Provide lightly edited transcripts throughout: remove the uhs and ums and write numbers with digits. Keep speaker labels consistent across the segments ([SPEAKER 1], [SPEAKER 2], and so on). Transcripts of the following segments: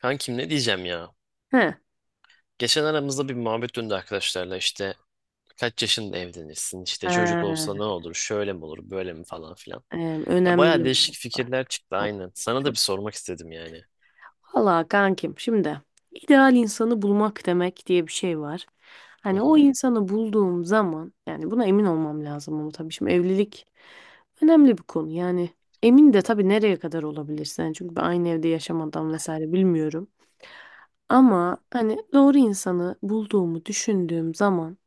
[SPEAKER 1] Kankim, ne diyeceğim ya?
[SPEAKER 2] He.
[SPEAKER 1] Geçen aramızda bir muhabbet döndü arkadaşlarla. İşte kaç yaşında evlenirsin, işte çocuk olsa
[SPEAKER 2] Ee,
[SPEAKER 1] ne olur, şöyle mi olur böyle mi, falan filan. Ya
[SPEAKER 2] Önemli
[SPEAKER 1] baya değişik
[SPEAKER 2] noktalar.
[SPEAKER 1] fikirler çıktı,
[SPEAKER 2] Bu.
[SPEAKER 1] aynen. Sana da bir sormak istedim yani.
[SPEAKER 2] Valla kankim şimdi ideal insanı bulmak demek diye bir şey var.
[SPEAKER 1] Hı
[SPEAKER 2] Hani o
[SPEAKER 1] hı.
[SPEAKER 2] insanı bulduğum zaman yani buna emin olmam lazım ama tabii şimdi evlilik önemli bir konu. Yani emin de tabii nereye kadar olabilirsin. Yani çünkü ben aynı evde yaşamadan vesaire bilmiyorum. Ama hani doğru insanı bulduğumu düşündüğüm zaman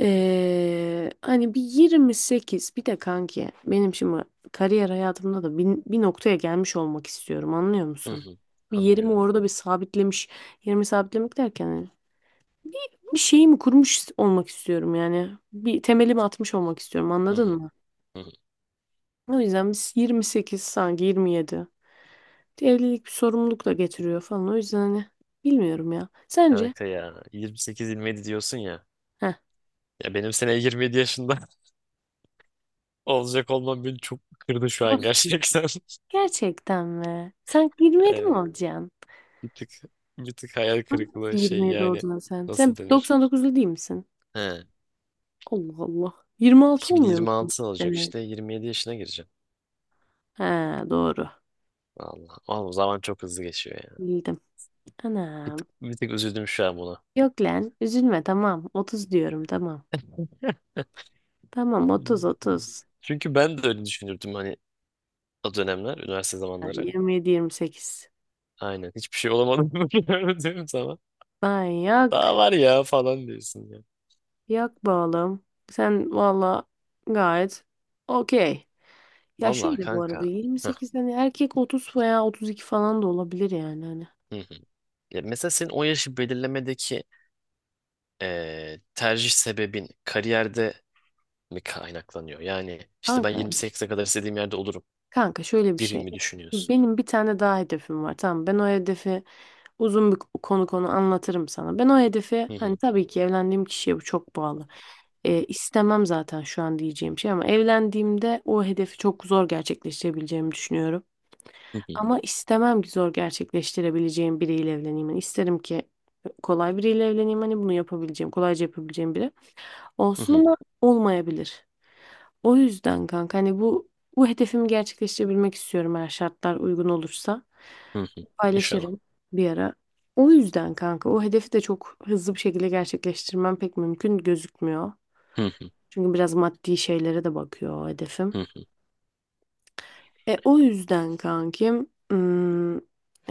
[SPEAKER 2] Hani bir 28 bir de kanki benim şimdi kariyer hayatımda da bir noktaya gelmiş olmak istiyorum anlıyor
[SPEAKER 1] Hı
[SPEAKER 2] musun?
[SPEAKER 1] hı.
[SPEAKER 2] Bir yerimi
[SPEAKER 1] Anlıyorum.
[SPEAKER 2] orada bir sabitlemiş yerimi sabitlemek derken hani bir şeyimi kurmuş olmak istiyorum yani bir temelimi atmış olmak istiyorum
[SPEAKER 1] Hı hı.
[SPEAKER 2] anladın mı?
[SPEAKER 1] Hı hı.
[SPEAKER 2] O yüzden biz 28 sanki 27 evlilik bir sorumluluk da getiriyor falan o yüzden hani bilmiyorum ya sence?
[SPEAKER 1] Kanka, ya 28-27 diyorsun ya.
[SPEAKER 2] Heh,
[SPEAKER 1] Ya benim sene 27 yaşında olacak olmam beni çok kırdı şu an
[SPEAKER 2] nasıl?
[SPEAKER 1] gerçekten.
[SPEAKER 2] Gerçekten mi? Sen 27
[SPEAKER 1] Evet,
[SPEAKER 2] mi olacaksın?
[SPEAKER 1] bir tık bir tık hayal
[SPEAKER 2] Nasıl
[SPEAKER 1] kırıklığı, şey
[SPEAKER 2] 27
[SPEAKER 1] yani,
[SPEAKER 2] oldun lan sen? Sen
[SPEAKER 1] nasıl denir?
[SPEAKER 2] 99'lu değil misin?
[SPEAKER 1] He.
[SPEAKER 2] Allah Allah. 26 olmuyor musun?
[SPEAKER 1] 2026 olacak,
[SPEAKER 2] Evet.
[SPEAKER 1] işte 27 yaşına gireceğim.
[SPEAKER 2] Ha, doğru.
[SPEAKER 1] Allah. Oğlum, zaman çok hızlı geçiyor ya.
[SPEAKER 2] Bildim.
[SPEAKER 1] Bir
[SPEAKER 2] Anam.
[SPEAKER 1] tık, bir tık üzüldüm şu an buna.
[SPEAKER 2] Yok lan. Üzülme, tamam. 30 diyorum, tamam. Tamam, 30 30.
[SPEAKER 1] Çünkü ben de öyle düşünürdüm hani, o dönemler, üniversite
[SPEAKER 2] Ha,
[SPEAKER 1] zamanları.
[SPEAKER 2] 27 28.
[SPEAKER 1] Aynen. Hiçbir şey olamadım, böyle diyorum sana.
[SPEAKER 2] Ben yok.
[SPEAKER 1] Daha var ya falan diyorsun ya.
[SPEAKER 2] Yok be oğlum. Sen valla gayet okey. Ya
[SPEAKER 1] Vallahi
[SPEAKER 2] şöyle, bu arada
[SPEAKER 1] kanka. Heh,
[SPEAKER 2] 28'den erkek 30 veya 32 falan da olabilir yani hani.
[SPEAKER 1] hı hı. Ya mesela senin o yaşı belirlemedeki, tercih sebebin kariyerde mi kaynaklanıyor? Yani işte ben
[SPEAKER 2] Kanka,
[SPEAKER 1] 28'e kadar istediğim yerde olurum
[SPEAKER 2] Kanka şöyle bir
[SPEAKER 1] gibi
[SPEAKER 2] şey.
[SPEAKER 1] mi düşünüyorsun?
[SPEAKER 2] Benim bir tane daha hedefim var. Tamam, ben o hedefi uzun bir konu anlatırım sana. Ben o hedefi
[SPEAKER 1] Hı
[SPEAKER 2] hani
[SPEAKER 1] hı,
[SPEAKER 2] tabii ki evlendiğim kişiye bu çok bağlı. İstemem zaten şu an diyeceğim şey, ama evlendiğimde o hedefi çok zor gerçekleştirebileceğimi düşünüyorum.
[SPEAKER 1] hı hı,
[SPEAKER 2] Ama istemem ki zor gerçekleştirebileceğim biriyle evleneyim. Yani isterim ki kolay biriyle evleneyim. Hani bunu yapabileceğim, kolayca yapabileceğim biri
[SPEAKER 1] hı
[SPEAKER 2] olsun
[SPEAKER 1] hı.
[SPEAKER 2] ama olmayabilir. O yüzden kanka hani bu hedefimi gerçekleştirebilmek istiyorum, eğer şartlar uygun olursa.
[SPEAKER 1] Hı hı. İnşallah.
[SPEAKER 2] Paylaşırım bir ara. O yüzden kanka o hedefi de çok hızlı bir şekilde gerçekleştirmem pek mümkün gözükmüyor.
[SPEAKER 1] Hı hı.
[SPEAKER 2] Çünkü biraz maddi şeylere de bakıyor o
[SPEAKER 1] Hı
[SPEAKER 2] hedefim.
[SPEAKER 1] hı.
[SPEAKER 2] O yüzden kankim,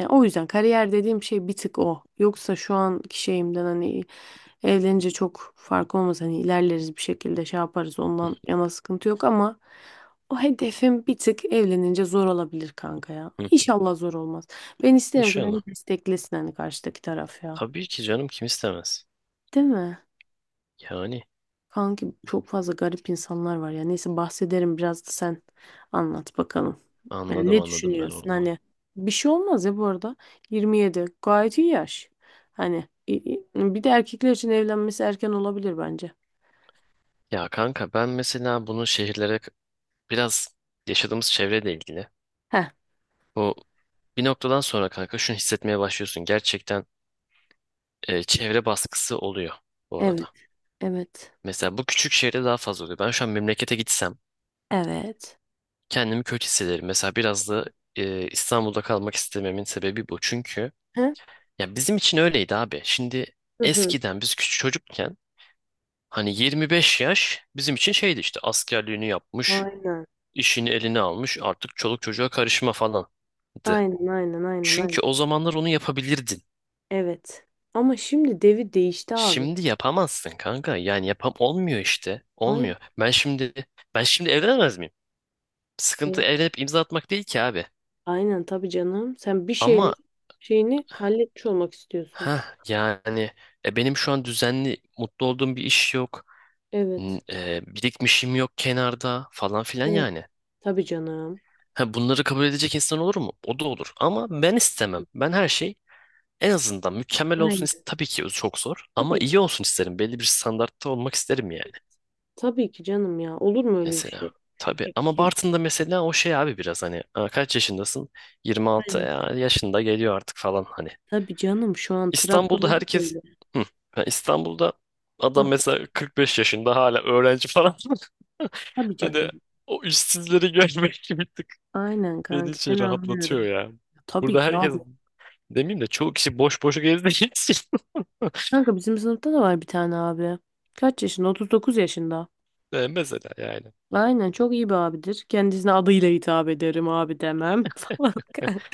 [SPEAKER 2] o yüzden kariyer dediğim şey bir tık o. Yoksa şu anki şeyimden hani evlenince çok fark olmaz. Hani ilerleriz bir şekilde, şey yaparız, ondan yana sıkıntı yok ama o hedefim bir tık evlenince zor olabilir kanka ya.
[SPEAKER 1] Hı.
[SPEAKER 2] İnşallah zor olmaz. Ben isterim ki
[SPEAKER 1] İnşallah.
[SPEAKER 2] beni desteklesin hani karşıdaki taraf ya.
[SPEAKER 1] Tabii ki canım, kim istemez?
[SPEAKER 2] Değil mi?
[SPEAKER 1] Yani
[SPEAKER 2] Kanki çok fazla garip insanlar var ya. Neyse, bahsederim biraz, da sen anlat bakalım. Yani
[SPEAKER 1] anladım,
[SPEAKER 2] ne
[SPEAKER 1] anladım ben
[SPEAKER 2] düşünüyorsun?
[SPEAKER 1] onları.
[SPEAKER 2] Hani bir şey olmaz ya, bu arada. 27 gayet iyi yaş. Hani bir de erkekler için evlenmesi erken olabilir bence.
[SPEAKER 1] Ya kanka, ben mesela bunu şehirlere, biraz yaşadığımız çevreyle ilgili.
[SPEAKER 2] Heh,
[SPEAKER 1] Bu bir noktadan sonra kanka şunu hissetmeye başlıyorsun. Gerçekten, çevre baskısı oluyor bu
[SPEAKER 2] evet,
[SPEAKER 1] arada.
[SPEAKER 2] evet,
[SPEAKER 1] Mesela bu küçük şehirde daha fazla oluyor. Ben şu an memlekete gitsem
[SPEAKER 2] evet.
[SPEAKER 1] kendimi kötü hissederim. Mesela biraz da, İstanbul'da kalmak istememin sebebi bu. Çünkü
[SPEAKER 2] Heh,
[SPEAKER 1] ya bizim için öyleydi abi. Şimdi,
[SPEAKER 2] hı hı.
[SPEAKER 1] eskiden biz küçük çocukken, hani 25 yaş bizim için şeydi işte: askerliğini yapmış,
[SPEAKER 2] Aynen,
[SPEAKER 1] işini eline almış, artık çoluk çocuğa karışma falandı.
[SPEAKER 2] aynen, aynen, aynen, aynen.
[SPEAKER 1] Çünkü o zamanlar onu yapabilirdin.
[SPEAKER 2] Evet. Ama şimdi devir değişti abi.
[SPEAKER 1] Şimdi yapamazsın kanka. Yani yapam olmuyor işte.
[SPEAKER 2] Aynen,
[SPEAKER 1] Olmuyor. Ben şimdi evlenemez miyim? Sıkıntı evlenip imza atmak değil ki abi.
[SPEAKER 2] aynen, tabii canım. Sen bir şeyleri
[SPEAKER 1] Ama
[SPEAKER 2] şeyini halletmiş olmak istiyorsun.
[SPEAKER 1] ha yani, benim şu an düzenli mutlu olduğum bir iş yok. N-
[SPEAKER 2] Evet,
[SPEAKER 1] e, birikmişim yok kenarda falan filan
[SPEAKER 2] evet.
[SPEAKER 1] yani.
[SPEAKER 2] Tabii canım.
[SPEAKER 1] Ha, bunları kabul edecek insan olur mu? O da olur. Ama ben istemem. Ben her şey en azından mükemmel olsun
[SPEAKER 2] Aynen.
[SPEAKER 1] tabii ki çok zor, ama
[SPEAKER 2] Tabii
[SPEAKER 1] iyi olsun isterim. Belli bir standartta olmak isterim yani,
[SPEAKER 2] Tabii ki canım ya. Olur mu öyle bir
[SPEAKER 1] mesela.
[SPEAKER 2] şey?
[SPEAKER 1] Tabii ama
[SPEAKER 2] Kes.
[SPEAKER 1] Bartın'da mesela o şey abi, biraz hani, "Aa, kaç yaşındasın? 26
[SPEAKER 2] Aynen.
[SPEAKER 1] ya, yaşında geliyor artık," falan hani.
[SPEAKER 2] Tabii canım. Şu an
[SPEAKER 1] İstanbul'da
[SPEAKER 2] Trabzon'da
[SPEAKER 1] herkes...
[SPEAKER 2] öyle.
[SPEAKER 1] Hı. Ha, İstanbul'da adam
[SPEAKER 2] Hah,
[SPEAKER 1] mesela 45 yaşında hala öğrenci falan.
[SPEAKER 2] tabii
[SPEAKER 1] Hani
[SPEAKER 2] canım.
[SPEAKER 1] o işsizleri görmek bir tık
[SPEAKER 2] Aynen
[SPEAKER 1] beni
[SPEAKER 2] kanka.
[SPEAKER 1] şey
[SPEAKER 2] Seni
[SPEAKER 1] rahatlatıyor
[SPEAKER 2] anlıyorum.
[SPEAKER 1] ya.
[SPEAKER 2] Tabii
[SPEAKER 1] Burada
[SPEAKER 2] ki
[SPEAKER 1] herkes...
[SPEAKER 2] abi.
[SPEAKER 1] Demeyeyim de, çoğu kişi boş boş gezdiği için.
[SPEAKER 2] Kanka, bizim sınıfta da var bir tane abi. Kaç yaşında? 39 yaşında.
[SPEAKER 1] Mesela yani.
[SPEAKER 2] Aynen, çok iyi bir abidir. Kendisine adıyla hitap ederim, abi demem falan
[SPEAKER 1] Hı
[SPEAKER 2] kanka.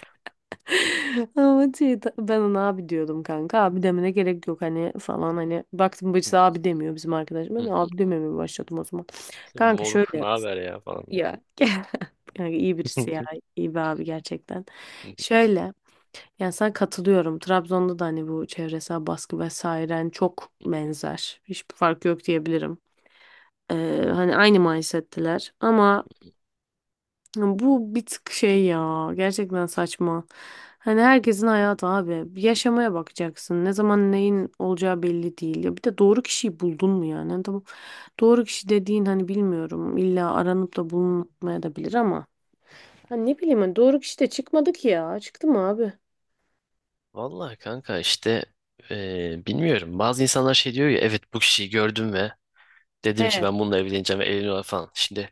[SPEAKER 2] Ama şey, ben ona abi diyordum kanka. Abi demene gerek yok hani falan hani. Baktım, bacısı
[SPEAKER 1] hı,
[SPEAKER 2] abi demiyor bizim arkadaş.
[SPEAKER 1] hı
[SPEAKER 2] Ben de
[SPEAKER 1] hı.
[SPEAKER 2] abi dememeye başladım o zaman.
[SPEAKER 1] İşte
[SPEAKER 2] Kanka
[SPEAKER 1] moruk
[SPEAKER 2] şöyle.
[SPEAKER 1] ne haber ya falan.
[SPEAKER 2] Ya. Kanka, iyi birisi ya. İyi bir abi gerçekten. Şöyle. Yani sana katılıyorum. Trabzon'da da hani bu çevresel baskı vesaire hani çok benzer. Hiçbir fark yok diyebilirim. Ee, Hani aynı mindset'teler. Ama bu bir tık şey ya. Gerçekten saçma. Hani herkesin hayatı abi. Yaşamaya bakacaksın. Ne zaman neyin olacağı belli değil. Ya bir de doğru kişiyi buldun mu yani? Hani, tamam. Doğru kişi dediğin hani bilmiyorum. İlla aranıp da bulunmaya da bilir ama. Ha, ne bileyim, ben doğru kişi de çıkmadı ki ya. Çıktı mı abi?
[SPEAKER 1] Vallahi kanka, işte bilmiyorum. Bazı insanlar şey diyor ya, evet bu kişiyi gördüm ve dedim
[SPEAKER 2] He,
[SPEAKER 1] ki, ben bununla evleneceğim, ve evleniyorlar falan. Şimdi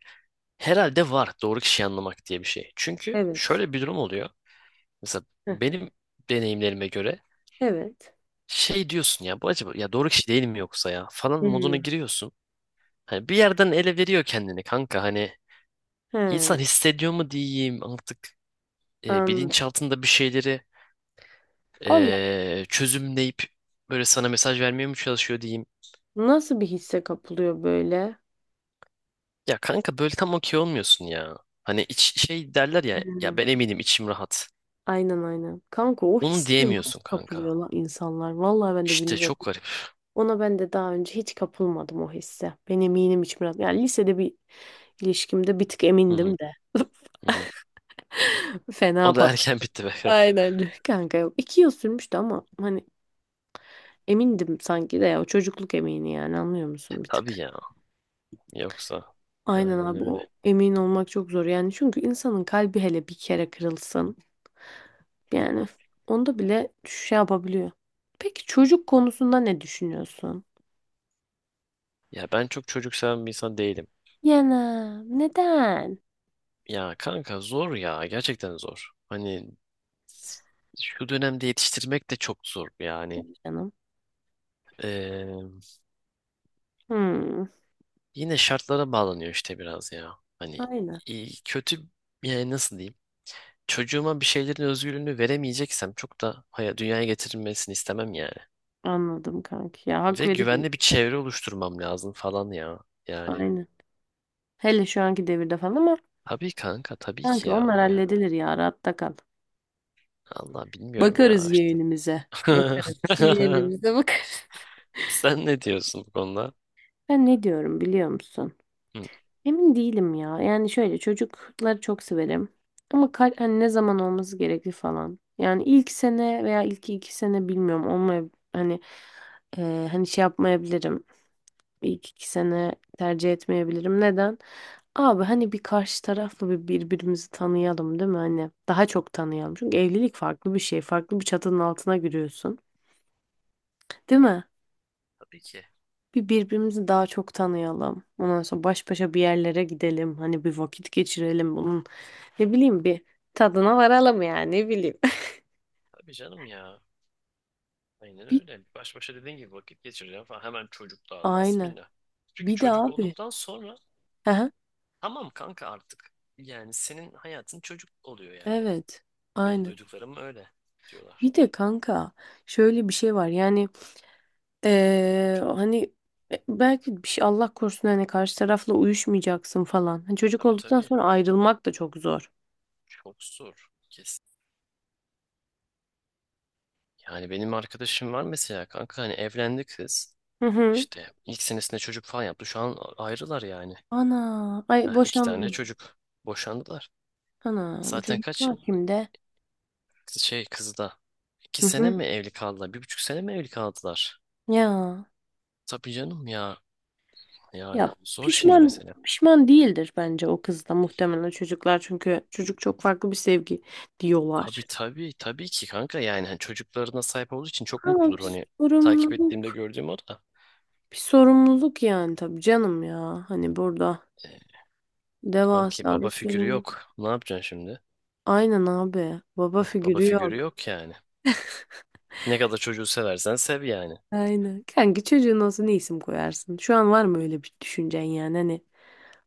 [SPEAKER 1] herhalde var, doğru kişiyi anlamak diye bir şey. Çünkü
[SPEAKER 2] evet.
[SPEAKER 1] şöyle bir durum oluyor. Mesela
[SPEAKER 2] Heh,
[SPEAKER 1] benim deneyimlerime göre
[SPEAKER 2] evet.
[SPEAKER 1] şey diyorsun ya, bu acaba ya doğru kişi değil mi, yoksa ya falan moduna
[SPEAKER 2] Hmm.
[SPEAKER 1] giriyorsun. Hani bir yerden ele veriyor kendini kanka, hani
[SPEAKER 2] He,
[SPEAKER 1] İnsan hissediyor mu diyeyim artık,
[SPEAKER 2] anladım.
[SPEAKER 1] bilinçaltında bir şeyleri
[SPEAKER 2] Allah,
[SPEAKER 1] çözümleyip böyle sana mesaj vermeye mi çalışıyor diyeyim.
[SPEAKER 2] nasıl bir hisse kapılıyor böyle?
[SPEAKER 1] Ya kanka, böyle tam okey olmuyorsun ya. Hani şey derler
[SPEAKER 2] He.
[SPEAKER 1] ya ben eminim, içim rahat.
[SPEAKER 2] Aynen, aynen. Kanka, o
[SPEAKER 1] Onu
[SPEAKER 2] hisse
[SPEAKER 1] diyemiyorsun
[SPEAKER 2] nasıl kapılıyor
[SPEAKER 1] kanka.
[SPEAKER 2] lan insanlar? Vallahi ben de
[SPEAKER 1] İşte
[SPEAKER 2] bilmiyorum.
[SPEAKER 1] çok garip.
[SPEAKER 2] Ona ben de daha önce hiç kapılmadım o hisse. Ben eminim hiç biraz. Yani lisede bir ilişkimde bir tık
[SPEAKER 1] Hı hı,
[SPEAKER 2] emindim de.
[SPEAKER 1] hı hı. O
[SPEAKER 2] Fena
[SPEAKER 1] da
[SPEAKER 2] patladı.
[SPEAKER 1] erken bitti be.
[SPEAKER 2] Aynen. Kanka yok. 2 yıl sürmüştü ama hani emindim, sanki de ya o çocukluk emini yani, anlıyor
[SPEAKER 1] E,
[SPEAKER 2] musun bir
[SPEAKER 1] tabii
[SPEAKER 2] tık?
[SPEAKER 1] ya. Yoksa,
[SPEAKER 2] Aynen
[SPEAKER 1] aynen
[SPEAKER 2] abi,
[SPEAKER 1] öyle.
[SPEAKER 2] o emin olmak çok zor yani, çünkü insanın kalbi hele bir kere kırılsın, yani onda bile şey yapabiliyor. Peki çocuk konusunda ne düşünüyorsun?
[SPEAKER 1] Ya ben çok çocuk seven bir insan değilim.
[SPEAKER 2] Yana neden?
[SPEAKER 1] Ya kanka zor ya, gerçekten zor. Hani şu dönemde yetiştirmek de çok zor yani.
[SPEAKER 2] Canım.
[SPEAKER 1] Ee,
[SPEAKER 2] Hmm,
[SPEAKER 1] yine şartlara bağlanıyor işte biraz ya. Hani
[SPEAKER 2] aynen,
[SPEAKER 1] iyi, kötü, yani nasıl diyeyim? Çocuğuma bir şeylerin özgürlüğünü veremeyeceksem çok da, dünyaya getirilmesini istemem yani.
[SPEAKER 2] anladım kanki ya, hak
[SPEAKER 1] Ve
[SPEAKER 2] veriyorum,
[SPEAKER 1] güvenli bir çevre oluşturmam lazım falan ya. Yani
[SPEAKER 2] aynen. Hele şu anki devirde falan ama
[SPEAKER 1] tabii kanka, tabii ki
[SPEAKER 2] kanki
[SPEAKER 1] ya.
[SPEAKER 2] onlar
[SPEAKER 1] Ya
[SPEAKER 2] halledilir ya, rahatta kal.
[SPEAKER 1] Allah, bilmiyorum ya
[SPEAKER 2] Bakarız
[SPEAKER 1] işte.
[SPEAKER 2] yeğenimize. Bakarız. Yeğenimize bakarız.
[SPEAKER 1] Sen ne diyorsun bu konuda?
[SPEAKER 2] Ben ne diyorum biliyor musun?
[SPEAKER 1] Hı.
[SPEAKER 2] Emin değilim ya. Yani şöyle, çocukları çok severim. Ama kal hani ne zaman olması gerekli falan. Yani ilk sene veya ilk 2 sene bilmiyorum. Olmaya hani hani şey yapmayabilirim. İlk 2 sene tercih etmeyebilirim. Neden? Abi hani bir karşı tarafla bir birbirimizi tanıyalım, değil mi? Hani daha çok tanıyalım. Çünkü evlilik farklı bir şey. Farklı bir çatının altına giriyorsun. Değil mi?
[SPEAKER 1] Tabii ki.
[SPEAKER 2] Bir birbirimizi daha çok tanıyalım. Ondan sonra baş başa bir yerlere gidelim. Hani bir vakit geçirelim bunun. Ne bileyim, bir tadına varalım yani, ne bileyim.
[SPEAKER 1] Tabii canım ya. Aynen
[SPEAKER 2] Bir,
[SPEAKER 1] öyle. Baş başa dediğin gibi vakit geçireceğim falan. Hemen çocuk da al.
[SPEAKER 2] aynen.
[SPEAKER 1] Bismillah. Çünkü
[SPEAKER 2] Bir de
[SPEAKER 1] çocuk
[SPEAKER 2] abi.
[SPEAKER 1] olduktan sonra
[SPEAKER 2] Aha,
[SPEAKER 1] tamam kanka artık. Yani senin hayatın çocuk oluyor yani.
[SPEAKER 2] evet.
[SPEAKER 1] Benim
[SPEAKER 2] Aynen.
[SPEAKER 1] duyduklarım öyle diyorlar.
[SPEAKER 2] Bir de kanka şöyle bir şey var. Yani hani, belki bir şey Allah korusun hani karşı tarafla uyuşmayacaksın falan. Hani çocuk
[SPEAKER 1] Tabii
[SPEAKER 2] olduktan
[SPEAKER 1] tabii.
[SPEAKER 2] sonra ayrılmak da çok zor.
[SPEAKER 1] Çok zor. Kesin. Yani benim arkadaşım var mesela kanka, hani evlendi kız.
[SPEAKER 2] Hı hı.
[SPEAKER 1] İşte ilk senesinde çocuk falan yaptı. Şu an ayrılar yani.
[SPEAKER 2] Ana. Ay,
[SPEAKER 1] Heh, iki tane
[SPEAKER 2] boşandım.
[SPEAKER 1] çocuk. Boşandılar.
[SPEAKER 2] Anam,
[SPEAKER 1] Zaten kaç
[SPEAKER 2] çocuklar kimde?
[SPEAKER 1] şey kızı da. İki
[SPEAKER 2] Hı
[SPEAKER 1] sene
[SPEAKER 2] hı.
[SPEAKER 1] mi evli kaldılar? Bir buçuk sene mi evli kaldılar?
[SPEAKER 2] Ya,
[SPEAKER 1] Tabii canım ya, yani
[SPEAKER 2] Ya
[SPEAKER 1] zor şimdi
[SPEAKER 2] pişman
[SPEAKER 1] mesela.
[SPEAKER 2] pişman değildir bence, o kız da muhtemelen çocuklar çünkü çocuk çok farklı bir sevgi
[SPEAKER 1] Tabii
[SPEAKER 2] diyorlar.
[SPEAKER 1] tabii tabii ki kanka, yani hani çocuklarına sahip olduğu için çok
[SPEAKER 2] Ama
[SPEAKER 1] mutludur
[SPEAKER 2] bir
[SPEAKER 1] hani, takip ettiğimde
[SPEAKER 2] sorumluluk,
[SPEAKER 1] gördüğüm o da.
[SPEAKER 2] bir sorumluluk yani, tabii canım ya. Hani burada
[SPEAKER 1] E, kanki
[SPEAKER 2] devasa bir
[SPEAKER 1] baba figürü
[SPEAKER 2] sorumluluk.
[SPEAKER 1] yok. Ne yapacaksın şimdi?
[SPEAKER 2] Aynen abi. Baba
[SPEAKER 1] Heh, baba
[SPEAKER 2] figürü yok.
[SPEAKER 1] figürü yok yani. Ne kadar çocuğu seversen sev yani.
[SPEAKER 2] Aynen. Kanki, çocuğun olsa ne isim koyarsın? Şu an var mı öyle bir düşüncen yani hani,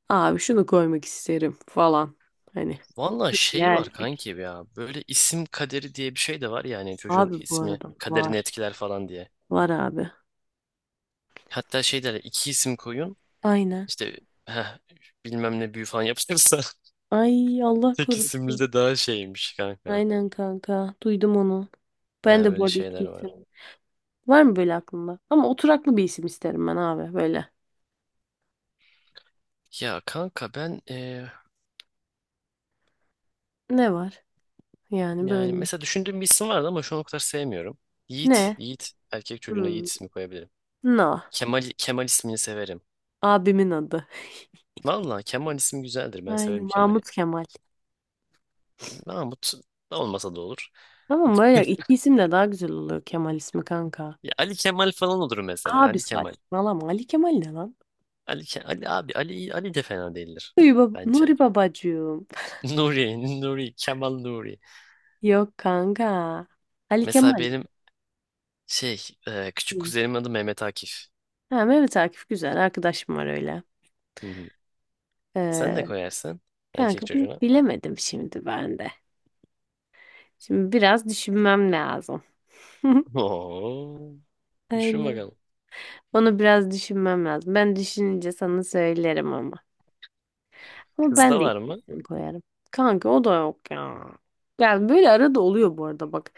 [SPEAKER 2] abi şunu koymak isterim falan. Hani
[SPEAKER 1] Valla
[SPEAKER 2] kız
[SPEAKER 1] şey
[SPEAKER 2] ya
[SPEAKER 1] var
[SPEAKER 2] erkek.
[SPEAKER 1] kanki ya, böyle isim kaderi diye bir şey de var, yani çocuğun
[SPEAKER 2] Abi bu
[SPEAKER 1] ismi
[SPEAKER 2] arada
[SPEAKER 1] kaderini
[SPEAKER 2] var.
[SPEAKER 1] etkiler falan diye.
[SPEAKER 2] Var abi.
[SPEAKER 1] Hatta şey derler, iki isim koyun
[SPEAKER 2] Aynen.
[SPEAKER 1] işte, heh, bilmem ne büyü falan yapılırsa
[SPEAKER 2] Ay, Allah
[SPEAKER 1] tek isimli
[SPEAKER 2] korusun.
[SPEAKER 1] de daha şeymiş kanka.
[SPEAKER 2] Aynen kanka. Duydum onu.
[SPEAKER 1] Ha,
[SPEAKER 2] Ben de bu
[SPEAKER 1] öyle
[SPEAKER 2] arada
[SPEAKER 1] şeyler
[SPEAKER 2] iki isim.
[SPEAKER 1] var.
[SPEAKER 2] Var mı böyle aklında? Ama oturaklı bir isim isterim ben abi, böyle.
[SPEAKER 1] Ya kanka ben,
[SPEAKER 2] Ne var? Yani
[SPEAKER 1] yani
[SPEAKER 2] böyle.
[SPEAKER 1] mesela düşündüğüm bir isim vardı ama şu an o kadar sevmiyorum. Yiğit,
[SPEAKER 2] Ne?
[SPEAKER 1] Yiğit. Erkek çocuğuna
[SPEAKER 2] Hmm.
[SPEAKER 1] Yiğit ismi koyabilirim.
[SPEAKER 2] No.
[SPEAKER 1] Kemal, Kemal ismini severim.
[SPEAKER 2] Abimin adı.
[SPEAKER 1] Valla Kemal ismi güzeldir. Ben
[SPEAKER 2] Aynen.
[SPEAKER 1] severim Kemal'i.
[SPEAKER 2] Mahmut Kemal.
[SPEAKER 1] Mahmut da olmasa da olur.
[SPEAKER 2] Tamam, böyle iki isim de daha güzel oluyor Kemal ismi kanka.
[SPEAKER 1] Ya Ali Kemal falan olur mesela.
[SPEAKER 2] Abi,
[SPEAKER 1] Ali Kemal.
[SPEAKER 2] saçmalama. Ali Kemal ne lan?
[SPEAKER 1] Ali abi Ali Ali de fena değildir
[SPEAKER 2] Nuri,
[SPEAKER 1] bence.
[SPEAKER 2] Nuri babacığım.
[SPEAKER 1] Nuri, Nuri, Kemal Nuri.
[SPEAKER 2] Yok kanka. Ali
[SPEAKER 1] Mesela
[SPEAKER 2] Kemal.
[SPEAKER 1] benim şey, küçük
[SPEAKER 2] Hı.
[SPEAKER 1] kuzenimin adı Mehmet Akif.
[SPEAKER 2] Ha, Mehmet Akif güzel. Arkadaşım var öyle.
[SPEAKER 1] Hı hı. Sen ne
[SPEAKER 2] Ee,
[SPEAKER 1] koyarsın erkek
[SPEAKER 2] Kanka,
[SPEAKER 1] çocuğuna?
[SPEAKER 2] bilemedim şimdi ben de. Şimdi biraz düşünmem lazım.
[SPEAKER 1] Oo, düşün
[SPEAKER 2] Aynen.
[SPEAKER 1] bakalım.
[SPEAKER 2] Onu biraz düşünmem lazım. Ben düşününce sana söylerim ama. Ama ben
[SPEAKER 1] Kızda
[SPEAKER 2] de ilk
[SPEAKER 1] var mı?
[SPEAKER 2] isim koyarım. Kanka o da yok ya. Yani böyle arada oluyor bu arada, bak.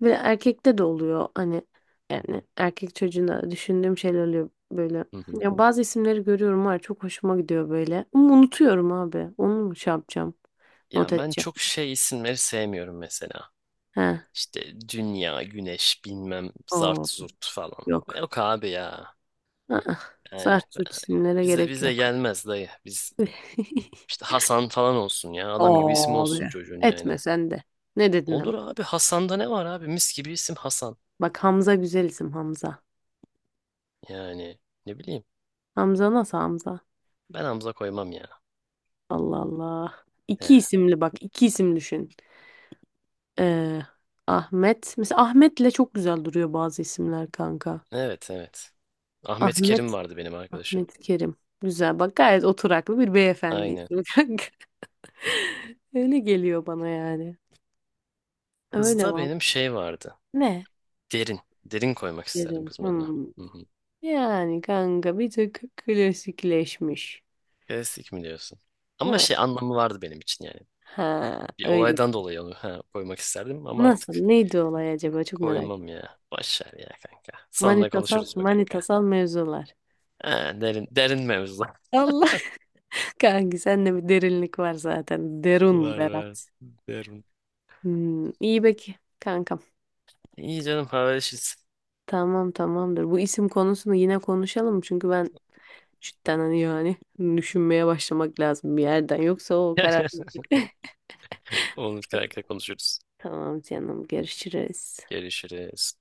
[SPEAKER 2] Böyle erkekte de oluyor hani yani erkek çocuğuna düşündüğüm şeyler oluyor böyle.
[SPEAKER 1] Hı hı.
[SPEAKER 2] Ya bazı isimleri görüyorum var, çok hoşuma gidiyor böyle. Ama unutuyorum abi. Onu mu şey yapacağım? Not
[SPEAKER 1] Ya ben
[SPEAKER 2] edeceğim.
[SPEAKER 1] çok şey isimleri sevmiyorum mesela.
[SPEAKER 2] He.
[SPEAKER 1] İşte dünya, güneş, bilmem zart
[SPEAKER 2] Oo,
[SPEAKER 1] zurt falan.
[SPEAKER 2] yok.
[SPEAKER 1] Yok abi ya.
[SPEAKER 2] Aa,
[SPEAKER 1] Yani
[SPEAKER 2] zart zurt isimlere
[SPEAKER 1] bize
[SPEAKER 2] gerek
[SPEAKER 1] bize
[SPEAKER 2] yok.
[SPEAKER 1] gelmez dayı. Biz işte Hasan falan olsun ya. Adam gibi isim
[SPEAKER 2] Abi.
[SPEAKER 1] olsun çocuğun yani.
[SPEAKER 2] Etme sen de. Ne dedin hemen?
[SPEAKER 1] Olur abi, Hasan'da ne var abi? Mis gibi isim Hasan.
[SPEAKER 2] Bak, Hamza güzel isim, Hamza.
[SPEAKER 1] Yani ne bileyim.
[SPEAKER 2] Hamza nasıl, Hamza?
[SPEAKER 1] Ben Hamza koymam ya.
[SPEAKER 2] Allah Allah.
[SPEAKER 1] He.
[SPEAKER 2] İki isimli bak, iki isim düşün. Ee, Ahmet. Mesela Ahmet'le çok güzel duruyor bazı isimler kanka.
[SPEAKER 1] Evet evet. Ahmet Kerim
[SPEAKER 2] Ahmet.
[SPEAKER 1] vardı benim arkadaşım.
[SPEAKER 2] Ahmet Kerim. Güzel bak, gayet oturaklı bir beyefendi
[SPEAKER 1] Aynen.
[SPEAKER 2] ismi kanka. Öyle geliyor bana yani. Öyle
[SPEAKER 1] Kızda
[SPEAKER 2] var.
[SPEAKER 1] benim şey vardı.
[SPEAKER 2] Ne?
[SPEAKER 1] Derin. Derin koymak isterdim
[SPEAKER 2] Kerim.
[SPEAKER 1] kızın adına.
[SPEAKER 2] Hmm.
[SPEAKER 1] Hı hı.
[SPEAKER 2] Yani kanka bir tık klasikleşmiş.
[SPEAKER 1] Klasik mi diyorsun? Ama
[SPEAKER 2] Ha,
[SPEAKER 1] şey anlamı vardı benim için yani.
[SPEAKER 2] ha
[SPEAKER 1] Bir
[SPEAKER 2] öyle.
[SPEAKER 1] olaydan dolayı onu, koymak isterdim ama
[SPEAKER 2] Nasıl?
[SPEAKER 1] artık
[SPEAKER 2] Neydi olay acaba? Çok merak
[SPEAKER 1] koymam
[SPEAKER 2] ediyorum.
[SPEAKER 1] ya. Boş ver ya kanka. Sonra
[SPEAKER 2] Manitasal,
[SPEAKER 1] konuşuruz be kanka.
[SPEAKER 2] manitasal mevzular.
[SPEAKER 1] Ha, derin, derin mevzu.
[SPEAKER 2] Allah, kanki sende bir derinlik var zaten. Derun
[SPEAKER 1] Var var.
[SPEAKER 2] Berat.
[SPEAKER 1] Derin.
[SPEAKER 2] İyi peki kankam.
[SPEAKER 1] İyi canım, haberleşiriz.
[SPEAKER 2] Tamam, tamamdır. Bu isim konusunu yine konuşalım. Çünkü ben cidden hani yani düşünmeye başlamak lazım bir yerden. Yoksa o karar...
[SPEAKER 1] Olur kanka, konuşuruz.
[SPEAKER 2] Tamam canım, görüşürüz.
[SPEAKER 1] Görüşürüz.